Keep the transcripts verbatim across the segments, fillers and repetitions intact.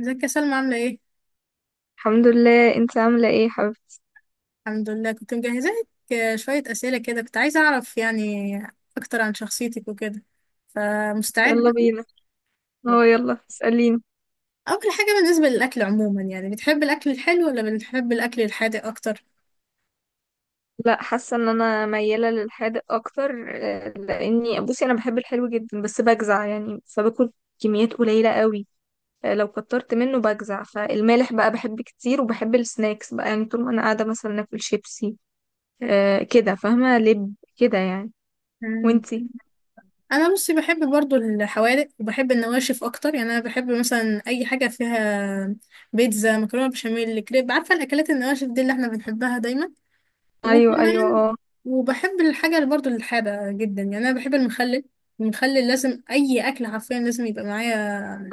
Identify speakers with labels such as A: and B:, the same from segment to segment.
A: ازيك يا سلمى؟ عاملة ايه؟
B: الحمد لله، انت عاملة ايه يا حبيبتي؟
A: الحمد لله، كنت مجهزة لك شوية أسئلة كده، كنت عايزة أعرف يعني أكتر عن شخصيتك وكده. فمستعد؟
B: يلا بينا. هو يلا اسأليني.
A: أول حاجة، بالنسبة للأكل عموما، يعني بتحب الأكل الحلو ولا بتحب الأكل الحادق أكتر؟
B: لا، حاسة ان انا ميالة للحادق اكتر. آه، لاني بصي انا بحب الحلو جدا بس بجزع يعني فباكل كميات قليلة قوي. آه، لو كترت منه بجزع، فالمالح بقى بحب كتير، وبحب السناكس بقى يعني طول ما انا قاعدة مثلا اكل شيبسي. آه، كده، فاهمة لب كده يعني.
A: مم.
B: وانتي؟
A: أنا بصي بحب برضو الحوادق وبحب النواشف أكتر، يعني أنا بحب مثلا أي حاجة فيها بيتزا، مكرونة بشاميل، كريب، عارفة الأكلات النواشف دي اللي احنا بنحبها دايما.
B: ايوه ايوه
A: وكمان
B: اه.
A: وبحب الحاجة اللي برضه الحادة جدا، يعني أنا بحب المخلل. المخلل لازم أي أكل حرفيا لازم يبقى معايا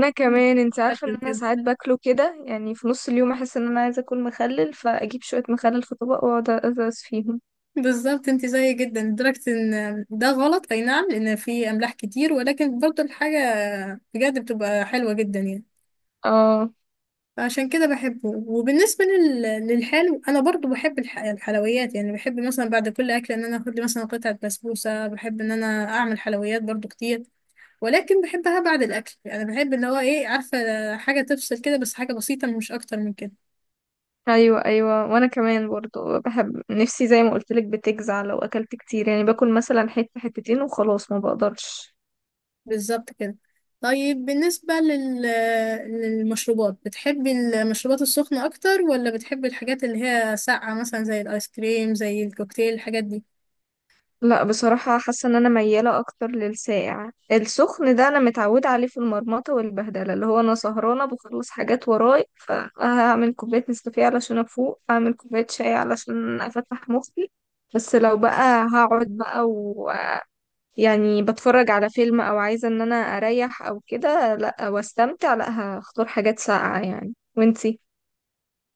B: انا كمان، انت عارفه ان
A: أكل
B: انا
A: كده.
B: ساعات باكله كده، يعني في نص اليوم احس ان انا عايزه اكل مخلل، فاجيب شويه مخلل في طبق واقعد ادرس فيهم.
A: بالظبط، انت زيي جدا، لدرجة ان ده غلط، اي نعم، لان في املاح كتير، ولكن برضه الحاجة بجد بتبقى حلوة جدا يعني.
B: اه
A: فعشان كده بحبه. وبالنسبة لل... للحلو، انا برضه بحب الح... الحلويات، يعني بحب مثلا بعد كل اكل ان انا اخد لي مثلا قطعة بسبوسة، بحب ان انا اعمل حلويات برضه كتير، ولكن بحبها بعد الاكل، يعني بحب اللي هو ايه، عارفه، حاجه تفصل كده، بس حاجه بسيطه مش اكتر من كده.
B: ايوه ايوه، وانا كمان برضو بحب نفسي، زي ما قلت لك بتجزع لو اكلت كتير، يعني باكل مثلا حته حتتين وخلاص ما بقدرش.
A: بالظبط كده. طيب بالنسبه لل... للمشروبات، بتحبي المشروبات السخنه اكتر، ولا بتحبي الحاجات اللي هي ساقعه مثلا، زي الايس كريم، زي الكوكتيل، الحاجات دي؟
B: لا بصراحة، حاسة ان انا ميالة اكتر للساقع. السخن ده انا متعودة عليه في المرمطة والبهدلة، اللي هو انا سهرانة بخلص حاجات وراي، فهعمل كوباية نسكافيه علشان افوق، اعمل كوباية شاي علشان افتح مخي. بس لو بقى هقعد بقى ويعني بتفرج على فيلم او عايزة ان انا اريح او كده لا واستمتع، لا هختار حاجات ساقعة يعني. وانتي؟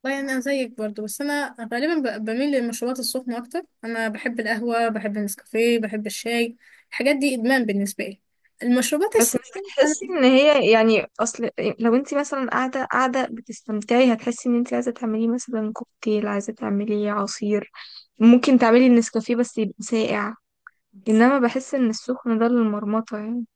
A: والله انا زيك برضو، بس انا غالبا ب- بميل للمشروبات السخنه اكتر. انا بحب القهوه، بحب النسكافيه، بحب الشاي، الحاجات دي ادمان بالنسبه لي، المشروبات
B: بس مش
A: الساقعه.
B: بتحسي ان هي يعني، اصل لو انت مثلا قاعده قاعده بتستمتعي هتحسي ان انت عايزه تعملي مثلا كوكتيل، عايزه تعملي عصير. ممكن تعملي النسكافيه بس يبقى ساقع. انما بحس ان السخن ده للمرمطه يعني.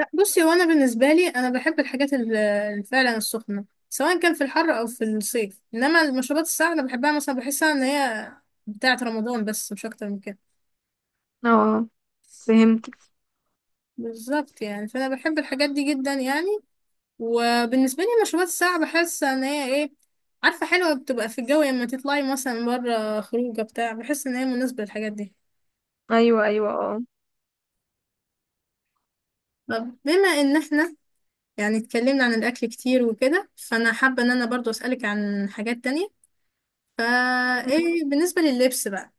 A: لا بصي، وانا بالنسبه لي انا بحب الحاجات ال- ال- فعلا السخنه، سواء كان في الحر او في الصيف، انما المشروبات الساقعه انا بحبها، مثلا بحسها ان هي بتاعه رمضان، بس مش اكتر من كده.
B: اه، فهمت.
A: بالظبط يعني. فانا بحب الحاجات دي جدا يعني، وبالنسبه لي المشروبات الساقعه بحس ان هي ايه، عارفه، حلوه بتبقى في الجو لما تطلعي مثلا بره خروجه بتاع، بحس ان هي مناسبه للحاجات دي.
B: ايوه ايوه اه.
A: طب بما ان احنا يعني اتكلمنا عن الاكل كتير وكده، فانا حابه ان انا برضو اسالك عن حاجات تانية. فا
B: مم.
A: ايه بالنسبة لللبس بقى؟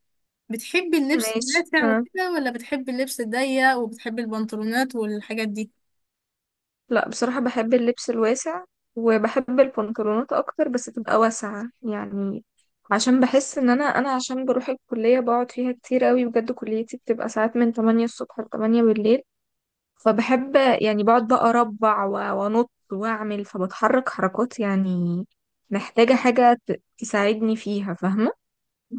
A: بتحبي اللبس
B: ماشي
A: الواسع
B: آه.
A: وكده، ولا بتحبي اللبس الضيق وبتحبي البنطلونات والحاجات دي؟
B: لا بصراحة بحب اللبس الواسع، وبحب البنطلونات اكتر بس تبقى واسعة يعني. عشان بحس ان انا، انا عشان بروح الكلية بقعد فيها كتير قوي، بجد كليتي بتبقى ساعات من تمانية الصبح ل تمانية بالليل. فبحب، يعني بقعد بقى اربع و- وانط واعمل، فبتحرك حركات يعني. محتاجة حاجة ت- تساعدني فيها، فاهمة؟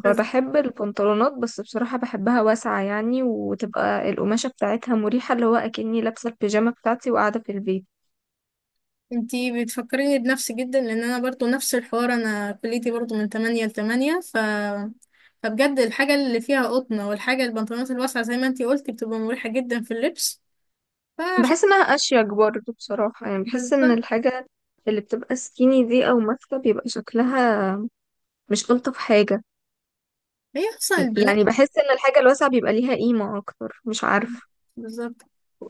A: بس
B: فبحب البنطلونات، بس بصراحة بحبها واسعة يعني، وتبقى القماشة بتاعتها مريحة اللي هو أكني لابسة البيجامة بتاعتي وقاعدة في البيت.
A: انتي بتفكريني بنفسي جدا، لان انا برضو نفس الحوار، انا كليتي برضو من تمانية ل تمانية. ف فبجد الحاجة اللي فيها قطنة، والحاجة البنطلونات الواسعة زي ما انتي قلتي بتبقى مريحة جدا في اللبس. فعشان
B: بحس انها اشيك برضه بصراحة، يعني بحس ان
A: بالظبط،
B: الحاجة اللي بتبقى سكيني دي او ماسكة بيبقى شكلها مش الطف حاجة.
A: هي اصلا البنات.
B: يعني بحس ان الحاجة الواسعة بيبقى ليها قيمة اكتر، مش عارفة.
A: بالظبط،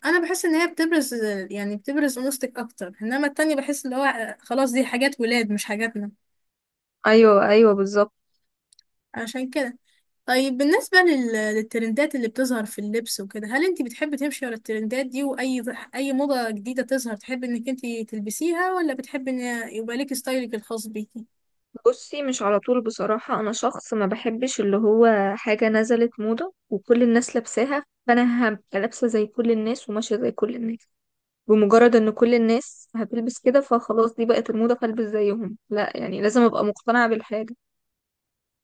A: انا بحس ان هي بتبرز، يعني بتبرز انوثتك اكتر، انما التانية بحس اللي هو خلاص دي حاجات ولاد مش حاجاتنا،
B: ايوه ايوه بالظبط.
A: عشان كده. طيب بالنسبة لل... للترندات اللي بتظهر في اللبس وكده، هل انت بتحبي تمشي ورا الترندات دي، واي اي موضة جديدة تظهر تحبي انك انت تلبسيها، ولا بتحبي ان يبقى ليكي ستايلك الخاص بيكي؟
B: بصي مش على طول، بصراحة انا شخص ما بحبش اللي هو حاجة نزلت موضة وكل الناس لابساها فانا هبقى لابسة زي كل الناس وماشية زي كل الناس. بمجرد ان كل الناس هتلبس كده فخلاص دي بقت الموضة فالبس زيهم، لا، يعني لازم ابقى مقتنعة بالحاجة.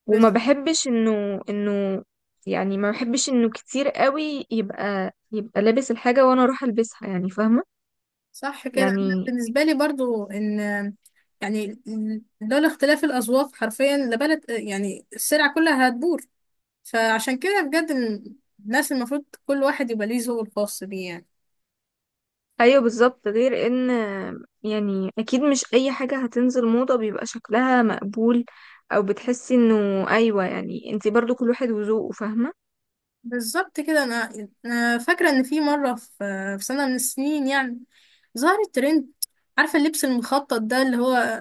B: وما
A: بس
B: بحبش انه انه يعني ما بحبش انه كتير قوي يبقى يبقى لابس الحاجة وانا اروح البسها، يعني فاهمة
A: صح كده. أنا
B: يعني.
A: بالنسبة لي برضو ان يعني لولا اختلاف الأذواق حرفيا لبلد، يعني السلع كلها هتبور. فعشان كده بجد، الناس المفروض كل واحد يبقى ليه ذوقه الخاص بيه يعني.
B: ايوه بالظبط، غير ان يعني اكيد مش اي حاجة هتنزل موضة بيبقى شكلها مقبول، او بتحسي انه ايوه، يعني انتي برضو كل واحد وذوقه، فاهمة.
A: بالظبط كده. انا أنا فاكره ان في مره، في في سنه من السنين يعني، ظهر الترند، عارفه اللبس المخطط ده، اللي هو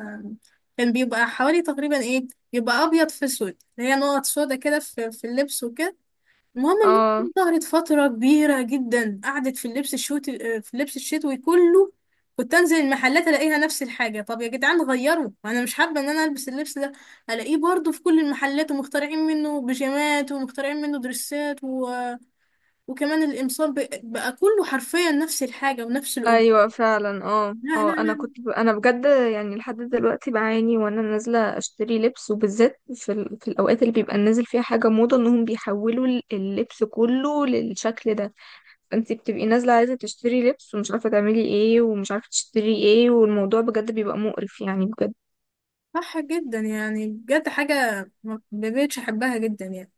A: كان بيبقى حوالي تقريبا ايه، بيبقى ابيض في اسود، اللي هي نقط سودا كده في في اللبس وكده. المهم الموضة
B: اه
A: دي ظهرت فتره كبيره جدا، قعدت في اللبس الشوت، في اللبس الشتوي كله. كنت انزل المحلات الاقيها نفس الحاجه. طب يا جدعان غيروا، انا مش حابه ان انا البس اللبس ده. الاقيه برضو في كل المحلات، ومخترعين منه بيجامات، ومخترعين منه دريسات. وكمان الإمصار بق- بقى كله حرفيا نفس الحاجة ونفس الأمور.
B: ايوه فعلا اه
A: لا لا
B: اه. انا
A: لا
B: كنت ب... انا بجد يعني لحد دلوقتي بعاني وانا نازله اشتري لبس، وبالذات في ال... في الاوقات اللي بيبقى نازل فيها حاجه موضه، انهم بيحولوا ال- اللبس كله للشكل ده. فانت بتبقي نازله عايزه تشتري لبس ومش عارفه تعملي ايه ومش عارفه تشتري ايه، والموضوع بجد بيبقى مقرف يعني بجد.
A: صح جدا يعني، بجد حاجة ما ما بقتش أحبها جدا يعني.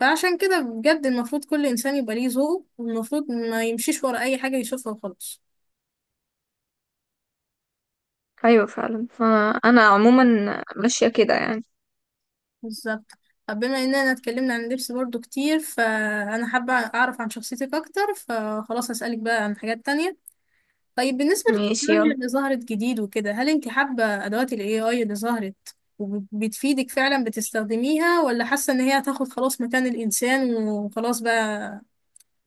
A: فعشان كده بجد، المفروض كل إنسان يبقى ليه ذوق، والمفروض ما يمشيش ورا أي حاجة يشوفها وخلاص.
B: ايوه فعلا، فانا عموما ماشيه كده يعني.
A: بالظبط. طب بما إننا اتكلمنا عن اللبس برضو كتير، فأنا حابة أعرف عن شخصيتك أكتر، فخلاص هسألك بقى عن حاجات تانية. طيب بالنسبة
B: ماشي
A: للتكنولوجيا
B: يلا.
A: اللي ظهرت جديد وكده، هل انت حابة أدوات ال إيه آي اللي ظهرت وبتفيدك فعلا بتستخدميها، ولا حاسة ان هي هتاخد خلاص مكان الإنسان، وخلاص بقى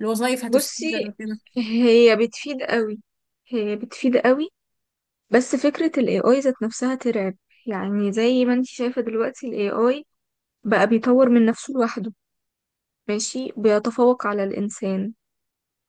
A: الوظائف
B: بصي،
A: هتستبدل وكده؟
B: هي بتفيد قوي هي بتفيد قوي. بس فكرة ال إيه آي ذات نفسها ترعب. يعني زي ما انت شايفة دلوقتي ال إيه آي بقى بيطور من نفسه لوحده، ماشي بيتفوق على الإنسان.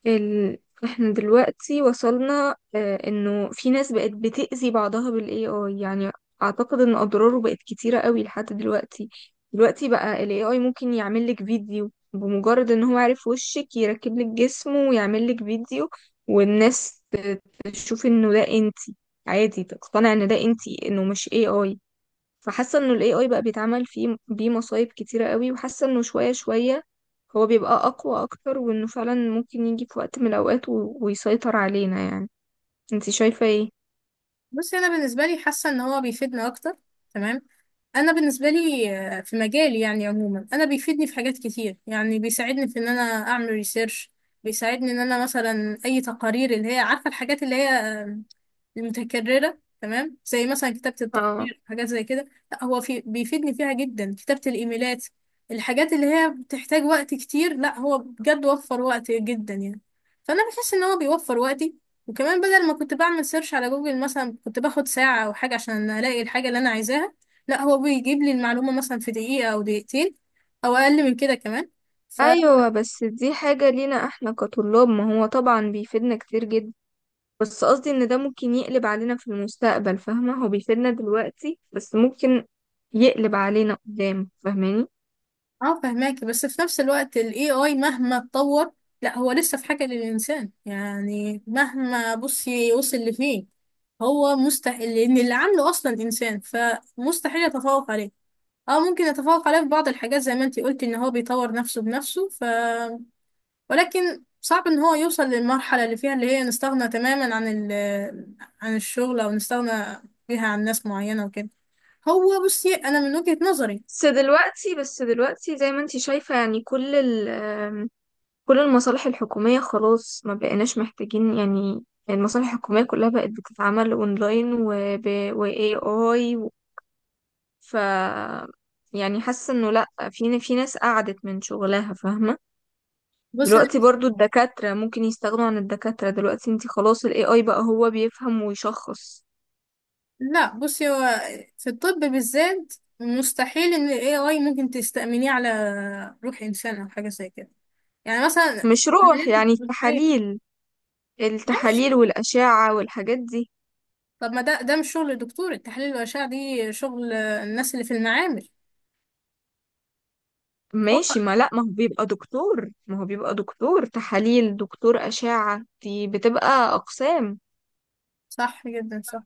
B: ال... احنا دلوقتي وصلنا آه انه في ناس بقت بتأذي بعضها بالاي اي يعني. اعتقد ان اضراره بقت كتيرة قوي لحد دلوقتي. دلوقتي بقى الاي اي ممكن يعمل لك فيديو بمجرد ان هو عارف وشك، يركب لك جسمه ويعمل لك فيديو. والناس ت- تشوف انه ده انتي، عادي تقتنع ان ده انتي، انه مش اي اي. فحاسه انه الاي اي بقى بيتعمل فيه بيه مصايب كتيره قوي، وحاسه انه شويه شويه هو بيبقى اقوى اكتر، وانه فعلا ممكن يجي في وقت من الاوقات و... ويسيطر علينا يعني. انتي شايفه ايه؟
A: بصي، أنا بالنسبة لي حاسة ان هو بيفيدنا أكتر، تمام. أنا بالنسبة لي آه، في مجالي يعني عموما، أنا بيفيدني في حاجات كتير، يعني بيساعدني في ان أنا أعمل ريسيرش، بيساعدني ان انا مثلا اي تقارير، اللي هي عارفه الحاجات اللي هي متكررة، تمام، زي مثلا كتابة
B: اه
A: التقرير، حاجات زي كده. لا هو في بيفيدني فيها جدا، كتابة الإيميلات، الحاجات اللي هي بتحتاج وقت كتير، لا هو بجد وفر وقت جدا يعني. فأنا بحس إن هو بيوفر وقتي. وكمان بدل ما كنت بعمل سيرش على جوجل مثلا، كنت باخد ساعة أو حاجة عشان ألاقي الحاجة اللي أنا عايزاها، لا هو بيجيب لي المعلومة مثلا في دقيقة أو دقيقتين، أو أقل من كده كمان.
B: ايوه، بس دي حاجه لينا احنا كطلاب، ما هو طبعا بيفيدنا كتير جدا، بس قصدي ان ده ممكن يقلب علينا في المستقبل، فاهمه؟ هو بيفيدنا دلوقتي بس ممكن يقلب علينا قدام، فاهماني؟
A: اه فهماكي، بس في نفس الوقت ال إيه آي مهما اتطور، لا هو لسه في حاجة للإنسان، يعني مهما بصي وصل لفين، هو مستحيل، لأن اللي عامله أصلا إنسان، فمستحيل يتفوق عليه. اه ممكن يتفوق عليه في بعض الحاجات زي ما انتي قلتي، ان هو بيطور نفسه بنفسه، ف ولكن صعب ان هو يوصل للمرحلة اللي فيها اللي هي نستغنى تماما عن ال عن الشغل، او نستغنى فيها عن ناس معينة وكده. هو بصي، انا من وجهة نظري.
B: بس دلوقتي، بس دلوقتي زي ما انتي شايفة، يعني كل ال كل المصالح الحكومية خلاص ما بقيناش محتاجين، يعني المصالح الحكومية كلها بقت بتتعمل اونلاين وب و إيه آي و... ف يعني حاسة انه لأ، في في ناس قعدت من شغلها، فاهمة.
A: بص.
B: دلوقتي برضو الدكاترة ممكن يستغنوا عن الدكاترة، دلوقتي انتي خلاص ال إيه آي بقى هو بيفهم ويشخص.
A: لا بصي، هو في الطب بالذات مستحيل ان ال إيه آي ممكن تستأمنيه على روح انسان او حاجه زي كده. يعني مثلا
B: مش روح،
A: عمليات
B: يعني
A: الجراحية.
B: التحاليل،
A: ماشي.
B: التحاليل والأشعة والحاجات دي.
A: طب ما ده، ده مش شغل دكتور. التحاليل والاشعه دي شغل الناس اللي في المعامل. هو
B: ماشي. ما لا، ما هو بيبقى دكتور ما هو بيبقى دكتور تحاليل، دكتور أشعة، دي بتبقى أقسام.
A: صح جدا، صح.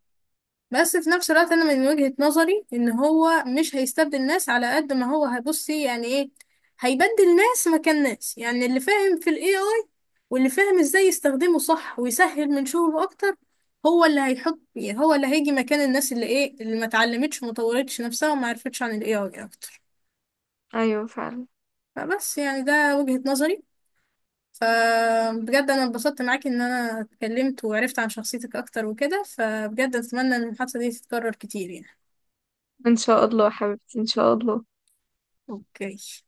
A: بس في نفس الوقت انا من وجهة نظري ان هو مش هيستبدل ناس على قد ما هو هيبصي يعني ايه، هيبدل ناس مكان ناس، يعني اللي فاهم في الاي اي واللي فاهم ازاي يستخدمه صح ويسهل من شغله اكتر، هو اللي هيحط، يعني هو اللي هيجي مكان الناس اللي ايه اللي ما اتعلمتش وما طورتش نفسها وما عرفتش عن الاي اي اكتر.
B: أيوة فعلا.
A: فبس يعني ده وجهة نظري. فبجد انا اتبسطت معاكي ان انا اتكلمت وعرفت عن شخصيتك اكتر وكده، فبجد اتمنى ان المحادثة دي تتكرر كتير يعني.
B: إن شاء الله يا حبيبتي، إن شاء الله.
A: اوكي.